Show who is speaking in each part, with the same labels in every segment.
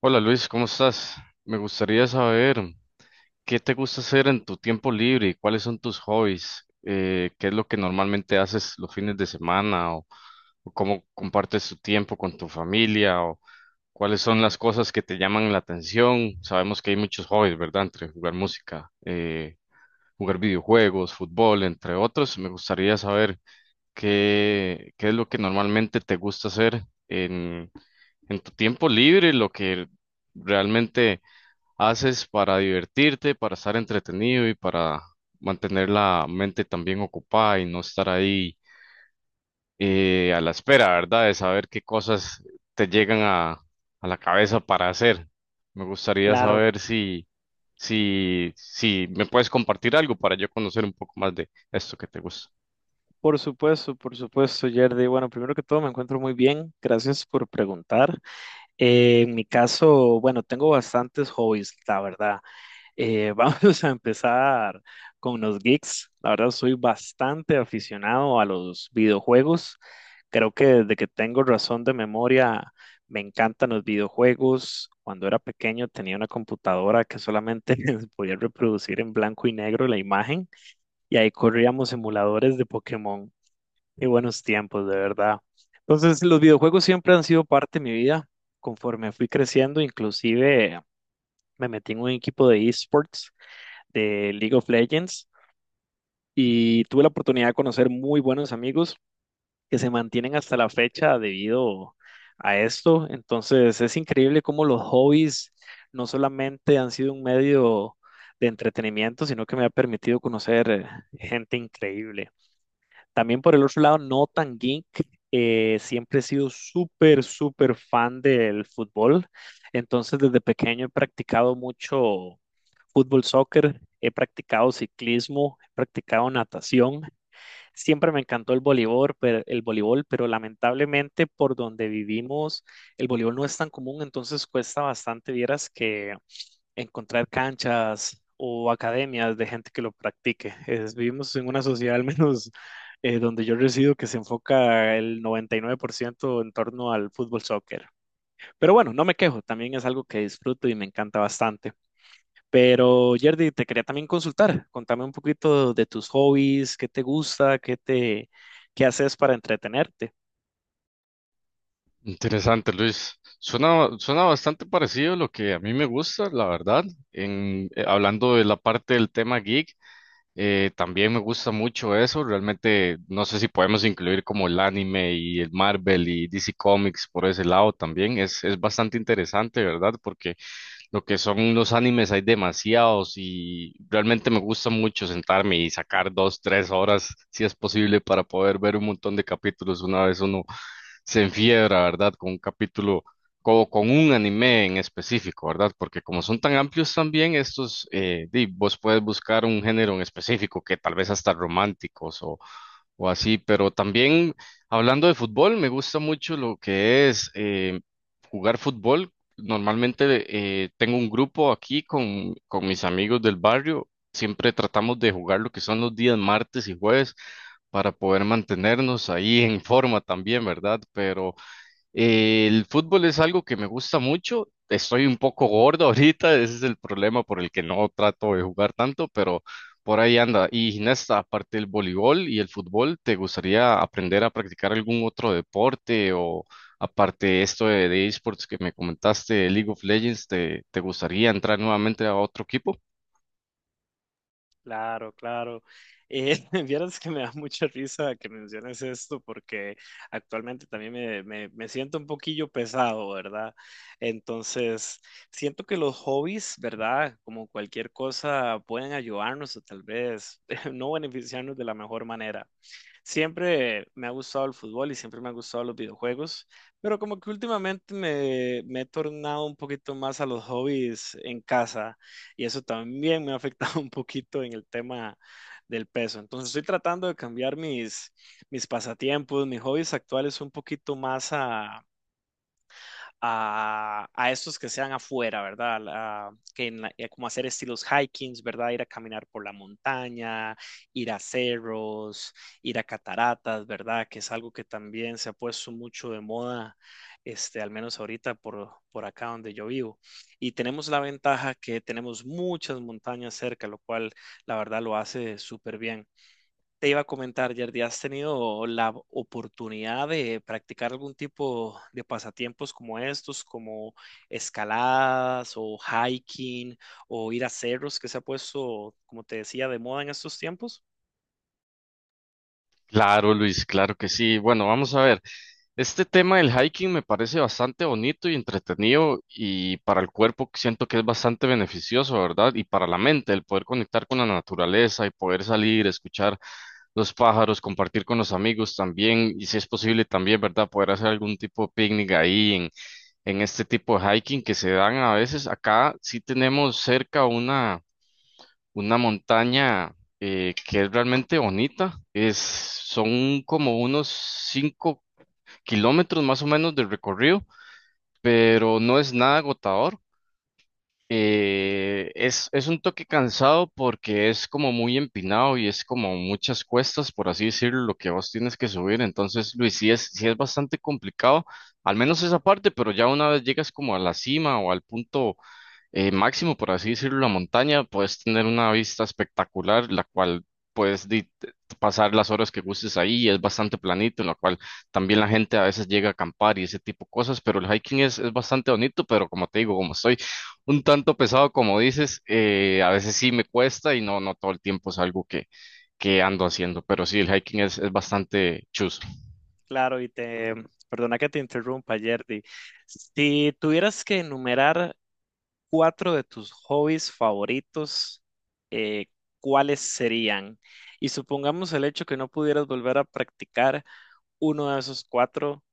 Speaker 1: Hola Luis, ¿cómo estás? Me gustaría saber qué te gusta hacer en tu tiempo libre y cuáles son tus hobbies. ¿Qué es lo que normalmente haces los fines de semana o cómo compartes tu tiempo con tu familia o cuáles son las cosas que te llaman la atención? Sabemos que hay muchos hobbies, ¿verdad? Entre jugar música, jugar videojuegos, fútbol, entre otros. Me gustaría saber qué es lo que normalmente te gusta hacer en tu tiempo libre, lo que realmente haces para divertirte, para estar entretenido y para mantener la mente también ocupada y no estar ahí a la espera, ¿verdad? De saber qué cosas te llegan a, a la cabeza para hacer. Me gustaría
Speaker 2: Claro,
Speaker 1: saber si me puedes compartir algo para yo conocer un poco más de esto que te gusta.
Speaker 2: por supuesto, Yerdy. Bueno, primero que todo me encuentro muy bien, gracias por preguntar. En mi caso, bueno, tengo bastantes hobbies, la verdad. Eh, vamos a empezar con los geeks. La verdad, soy bastante aficionado a los videojuegos. Creo que desde que tengo razón de memoria, me encantan los videojuegos. Cuando era pequeño tenía una computadora que solamente podía reproducir en blanco y negro la imagen y ahí corríamos emuladores de Pokémon. Qué buenos tiempos, de verdad. Entonces, los videojuegos siempre han sido parte de mi vida. Conforme fui creciendo, inclusive me metí en un equipo de esports de League of Legends y tuve la oportunidad de conocer muy buenos amigos que se mantienen hasta la fecha debido a esto. Entonces, es increíble cómo los hobbies no solamente han sido un medio de entretenimiento, sino que me ha permitido conocer gente increíble. También por el otro lado, no tan geek, siempre he sido súper, súper fan del fútbol. Entonces, desde pequeño he practicado mucho fútbol, soccer, he practicado ciclismo, he practicado natación. Siempre me encantó el voleibol, pero lamentablemente por donde vivimos el voleibol no es tan común, entonces cuesta bastante, vieras que encontrar canchas o academias de gente que lo practique. Es- vivimos en una sociedad al menos donde yo resido que se enfoca el 99% en torno al fútbol soccer. Pero bueno, no me quejo, también es algo que disfruto y me encanta bastante. Pero Yerdy, te quería también consultar. Contame un poquito de tus hobbies, qué te gusta, qué haces para entretenerte.
Speaker 1: Interesante, Luis. Suena bastante parecido a lo que a mí me gusta, la verdad. Hablando de la parte del tema geek. También me gusta mucho eso. Realmente no sé si podemos incluir como el anime y el Marvel y DC Comics por ese lado también. Es bastante interesante, ¿verdad? Porque lo que son los animes hay demasiados y realmente me gusta mucho sentarme y sacar dos, tres horas, si es posible, para poder ver un montón de capítulos. Una vez uno se enfiebra, ¿verdad? Con un anime en específico, ¿verdad? Porque como son tan amplios también, estos, di, vos puedes buscar un género en específico que tal vez hasta románticos o así, pero también hablando de fútbol, me gusta mucho lo que es jugar fútbol. Normalmente tengo un grupo aquí con mis amigos del barrio, siempre tratamos de jugar lo que son los días martes y jueves para poder mantenernos ahí en forma también, ¿verdad? Pero... el fútbol es algo que me gusta mucho. Estoy un poco gordo ahorita, ese es el problema por el que no trato de jugar tanto, pero por ahí anda. Y Ginesta, aparte del voleibol y el fútbol, ¿te gustaría aprender a practicar algún otro deporte o aparte de esto de esports que me comentaste, League of Legends, te gustaría entrar nuevamente a otro equipo?
Speaker 2: Claro, claro. Eh, vieras que me da mucha risa que menciones esto porque actualmente también me siento un poquillo pesado, ¿verdad? Entonces, siento que los hobbies, ¿verdad? Como cualquier cosa, pueden ayudarnos o tal vez no beneficiarnos de la mejor manera. Siempre me ha gustado el fútbol y siempre me han gustado los videojuegos, pero como que últimamente me he tornado un poquito más a los hobbies en casa y eso también me ha afectado un poquito en el tema del peso. Entonces estoy tratando de cambiar mis pasatiempos, mis hobbies actuales un poquito más a estos que sean afuera, ¿verdad? Como hacer estilos hikings, ¿verdad? Ir a caminar por la montaña, ir a cerros, ir a cataratas, ¿verdad? Que es algo que también se ha puesto mucho de moda, este, al menos ahorita por acá donde yo vivo. Y tenemos la ventaja que tenemos muchas montañas cerca, lo cual la verdad lo hace súper bien. Te iba a comentar, Yerdy, ¿has tenido la oportunidad de practicar algún tipo de pasatiempos como estos, como escaladas o hiking o ir a cerros que se ha puesto, como te decía, de moda en estos tiempos?
Speaker 1: Claro, Luis, claro que sí. Bueno, vamos a ver. Este tema del hiking me parece bastante bonito y entretenido y para el cuerpo siento que es bastante beneficioso, ¿verdad? Y para la mente, el poder conectar con la naturaleza y poder salir, escuchar los pájaros, compartir con los amigos también y si es posible también, ¿verdad? Poder hacer algún tipo de picnic en este tipo de hiking que se dan a veces. Acá sí tenemos cerca una montaña que es realmente bonita. Son como unos cinco kilómetros más o menos de recorrido, pero no es nada agotador. Es un toque cansado porque es como muy empinado y es como muchas cuestas, por así decirlo, lo que vos tienes que subir. Entonces, Luis, sí es bastante complicado, al menos esa parte, pero ya una vez llegas como a la cima o al punto máximo, por así decirlo, la montaña, puedes tener una vista espectacular, la cual puedes di- te- pasar las horas que gustes ahí, y es bastante planito, en la cual también la gente a veces llega a acampar y ese tipo de cosas, pero el hiking es bastante bonito, pero como te digo, como estoy un tanto pesado, como dices, a veces sí me cuesta y no, no todo el tiempo es algo que ando haciendo, pero sí, el hiking es bastante chuzo.
Speaker 2: Claro, perdona que te interrumpa, Yerdy. Si tuvieras que enumerar cuatro de tus hobbies favoritos, eh, ¿cuáles serían? Y supongamos el hecho que no pudieras volver a practicar uno de esos cuatro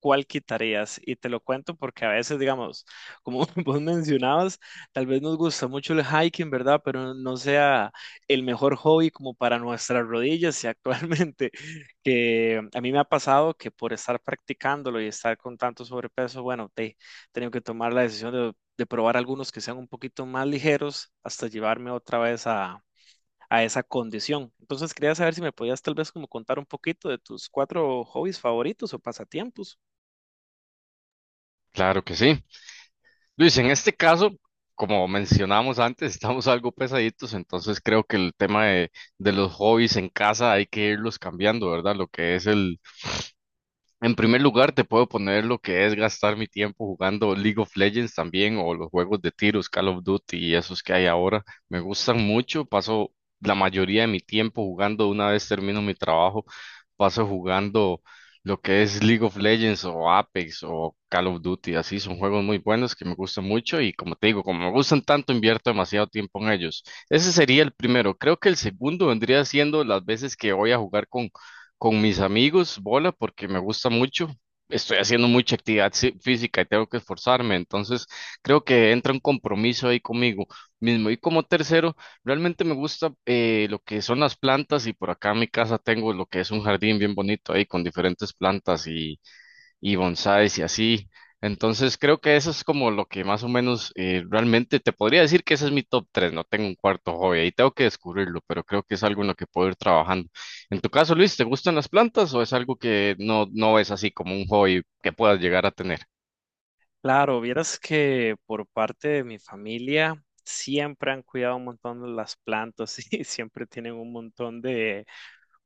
Speaker 2: cuál quitarías. Y te lo cuento porque a veces, digamos, como vos mencionabas, tal vez nos gusta mucho el hiking, ¿verdad? Pero no sea el mejor hobby como para nuestras rodillas. Y actualmente, que a mí me ha pasado que por estar practicándolo y estar con tanto sobrepeso, bueno, te, he tenido que tomar la decisión de probar algunos que sean un poquito más ligeros hasta llevarme otra vez a esa condición. Entonces quería saber si me podías tal vez como contar un poquito de tus cuatro hobbies favoritos o pasatiempos.
Speaker 1: Claro que sí. Luis, en este caso, como mencionamos antes, estamos algo pesaditos, entonces creo que el tema de los hobbies en casa hay que irlos cambiando, ¿verdad? Lo que es en primer lugar, te puedo poner lo que es gastar mi tiempo jugando League of Legends también o los juegos de tiros, Call of Duty y esos que hay ahora. Me gustan mucho, paso la mayoría de mi tiempo jugando. Una vez termino mi trabajo, paso jugando lo que es League of Legends o Apex o Call of Duty. Así son juegos muy buenos que me gustan mucho y como te digo, como me gustan tanto, invierto demasiado tiempo en ellos. Ese sería el primero. Creo que el segundo vendría siendo las veces que voy a jugar con mis amigos, bola, porque me gusta mucho. Estoy haciendo mucha actividad física y tengo que esforzarme, entonces creo que entra un compromiso ahí conmigo mismo. Y como tercero, realmente me gusta lo que son las plantas y por acá en mi casa tengo lo que es un jardín bien bonito ahí con diferentes plantas y bonsáis y así. Entonces creo que eso es como lo que más o menos realmente te podría decir que ese es mi top tres. No tengo un cuarto hobby, ahí tengo que descubrirlo, pero creo que es algo en lo que puedo ir trabajando. En tu caso, Luis, ¿te gustan las plantas o es algo que no, no es así como un hobby que puedas llegar a tener?
Speaker 2: Claro, vieras que por parte de mi familia siempre han cuidado un montón de las plantas y siempre tienen un montón de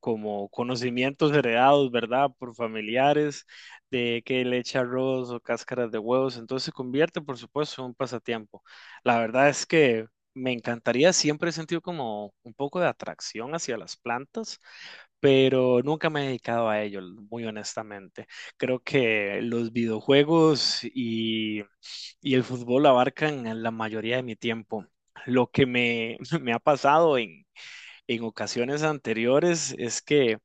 Speaker 2: como conocimientos heredados, ¿verdad? Por familiares, de que le echa arroz o cáscaras de huevos, entonces se convierte, por supuesto, en un pasatiempo. La verdad es que me encantaría, siempre he sentido como un poco de atracción hacia las plantas pero nunca me he dedicado a ello, muy honestamente. Creo que los videojuegos y el fútbol abarcan la mayoría de mi tiempo. Lo que me ha pasado en ocasiones anteriores es que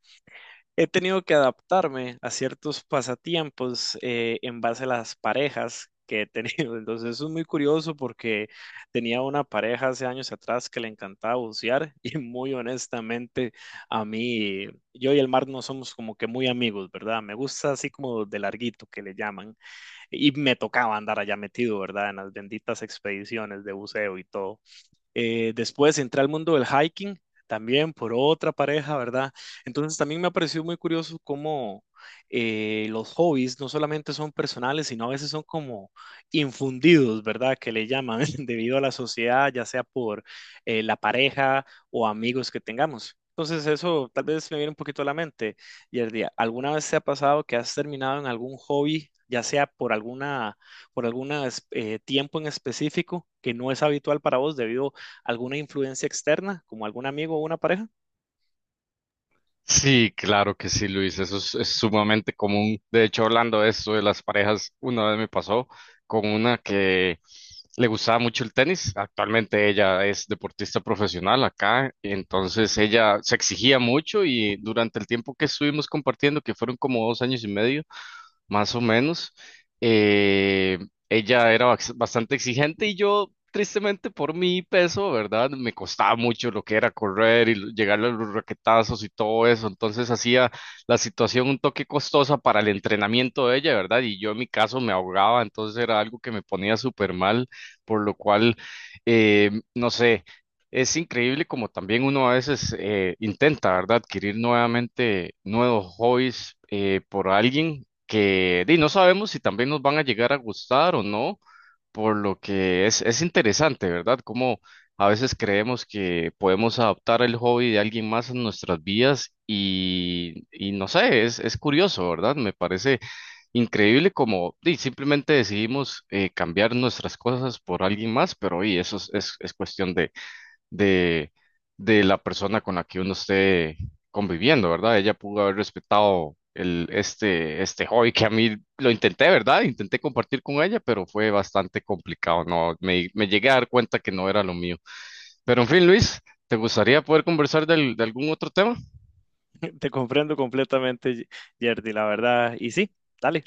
Speaker 2: he tenido que adaptarme a ciertos pasatiempos en base a las parejas que he tenido. Entonces, eso es muy curioso porque tenía una pareja hace años atrás que le encantaba bucear y muy honestamente a mí, yo y el mar no somos como que muy amigos, ¿verdad? Me gusta así como de larguito que le llaman y me tocaba andar allá metido, ¿verdad? En las benditas expediciones de buceo y todo. Después entré al mundo del hiking, también por otra pareja, ¿verdad? Entonces también me ha parecido muy curioso cómo los hobbies no solamente son personales, sino a veces son como infundidos, ¿verdad? Que le llaman debido a la sociedad, ya sea por la pareja o amigos que tengamos. Entonces eso tal vez me viene un poquito a la mente. Y el día, ¿alguna vez te ha pasado que has terminado en algún hobby, ya sea por alguna por algún tiempo en específico que no es habitual para vos debido alguna influencia externa, como algún amigo o una pareja?
Speaker 1: Sí, claro que sí, Luis, es sumamente común. De hecho, hablando de esto de las parejas, una vez me pasó con una que le gustaba mucho el tenis. Actualmente ella es deportista profesional acá, y entonces ella se exigía mucho y durante el tiempo que estuvimos compartiendo, que fueron como dos años y medio, más o menos. Eh, Ella era bastante exigente y yo, tristemente, por mi peso, ¿verdad? Me costaba mucho lo que era correr y llegarle a los raquetazos y todo eso. Entonces hacía la situación un toque costosa para el entrenamiento de ella, ¿verdad? Y yo en mi caso me ahogaba, entonces era algo que me ponía súper mal, por lo cual, no sé. Es increíble como también uno a veces intenta, ¿verdad? Adquirir nuevamente nuevos hobbies por alguien que di, no sabemos si también nos van a llegar a gustar o no, por lo que es interesante, ¿verdad? Como a veces creemos que podemos adaptar el hobby de alguien más a nuestras vidas y no sé, es curioso, ¿verdad? Me parece increíble como di, simplemente decidimos cambiar nuestras cosas por alguien más, pero y eso es cuestión de, de la persona con la que uno esté conviviendo, ¿verdad? Ella pudo haber respetado este hobby que a mí lo intenté, ¿verdad? Intenté compartir con ella, pero fue bastante complicado, ¿no? Me llegué a dar cuenta que no era lo mío. Pero en fin, Luis, ¿te gustaría poder conversar de algún otro tema?
Speaker 2: Te comprendo completamente, Yerdy, la verdad. Y sí, dale,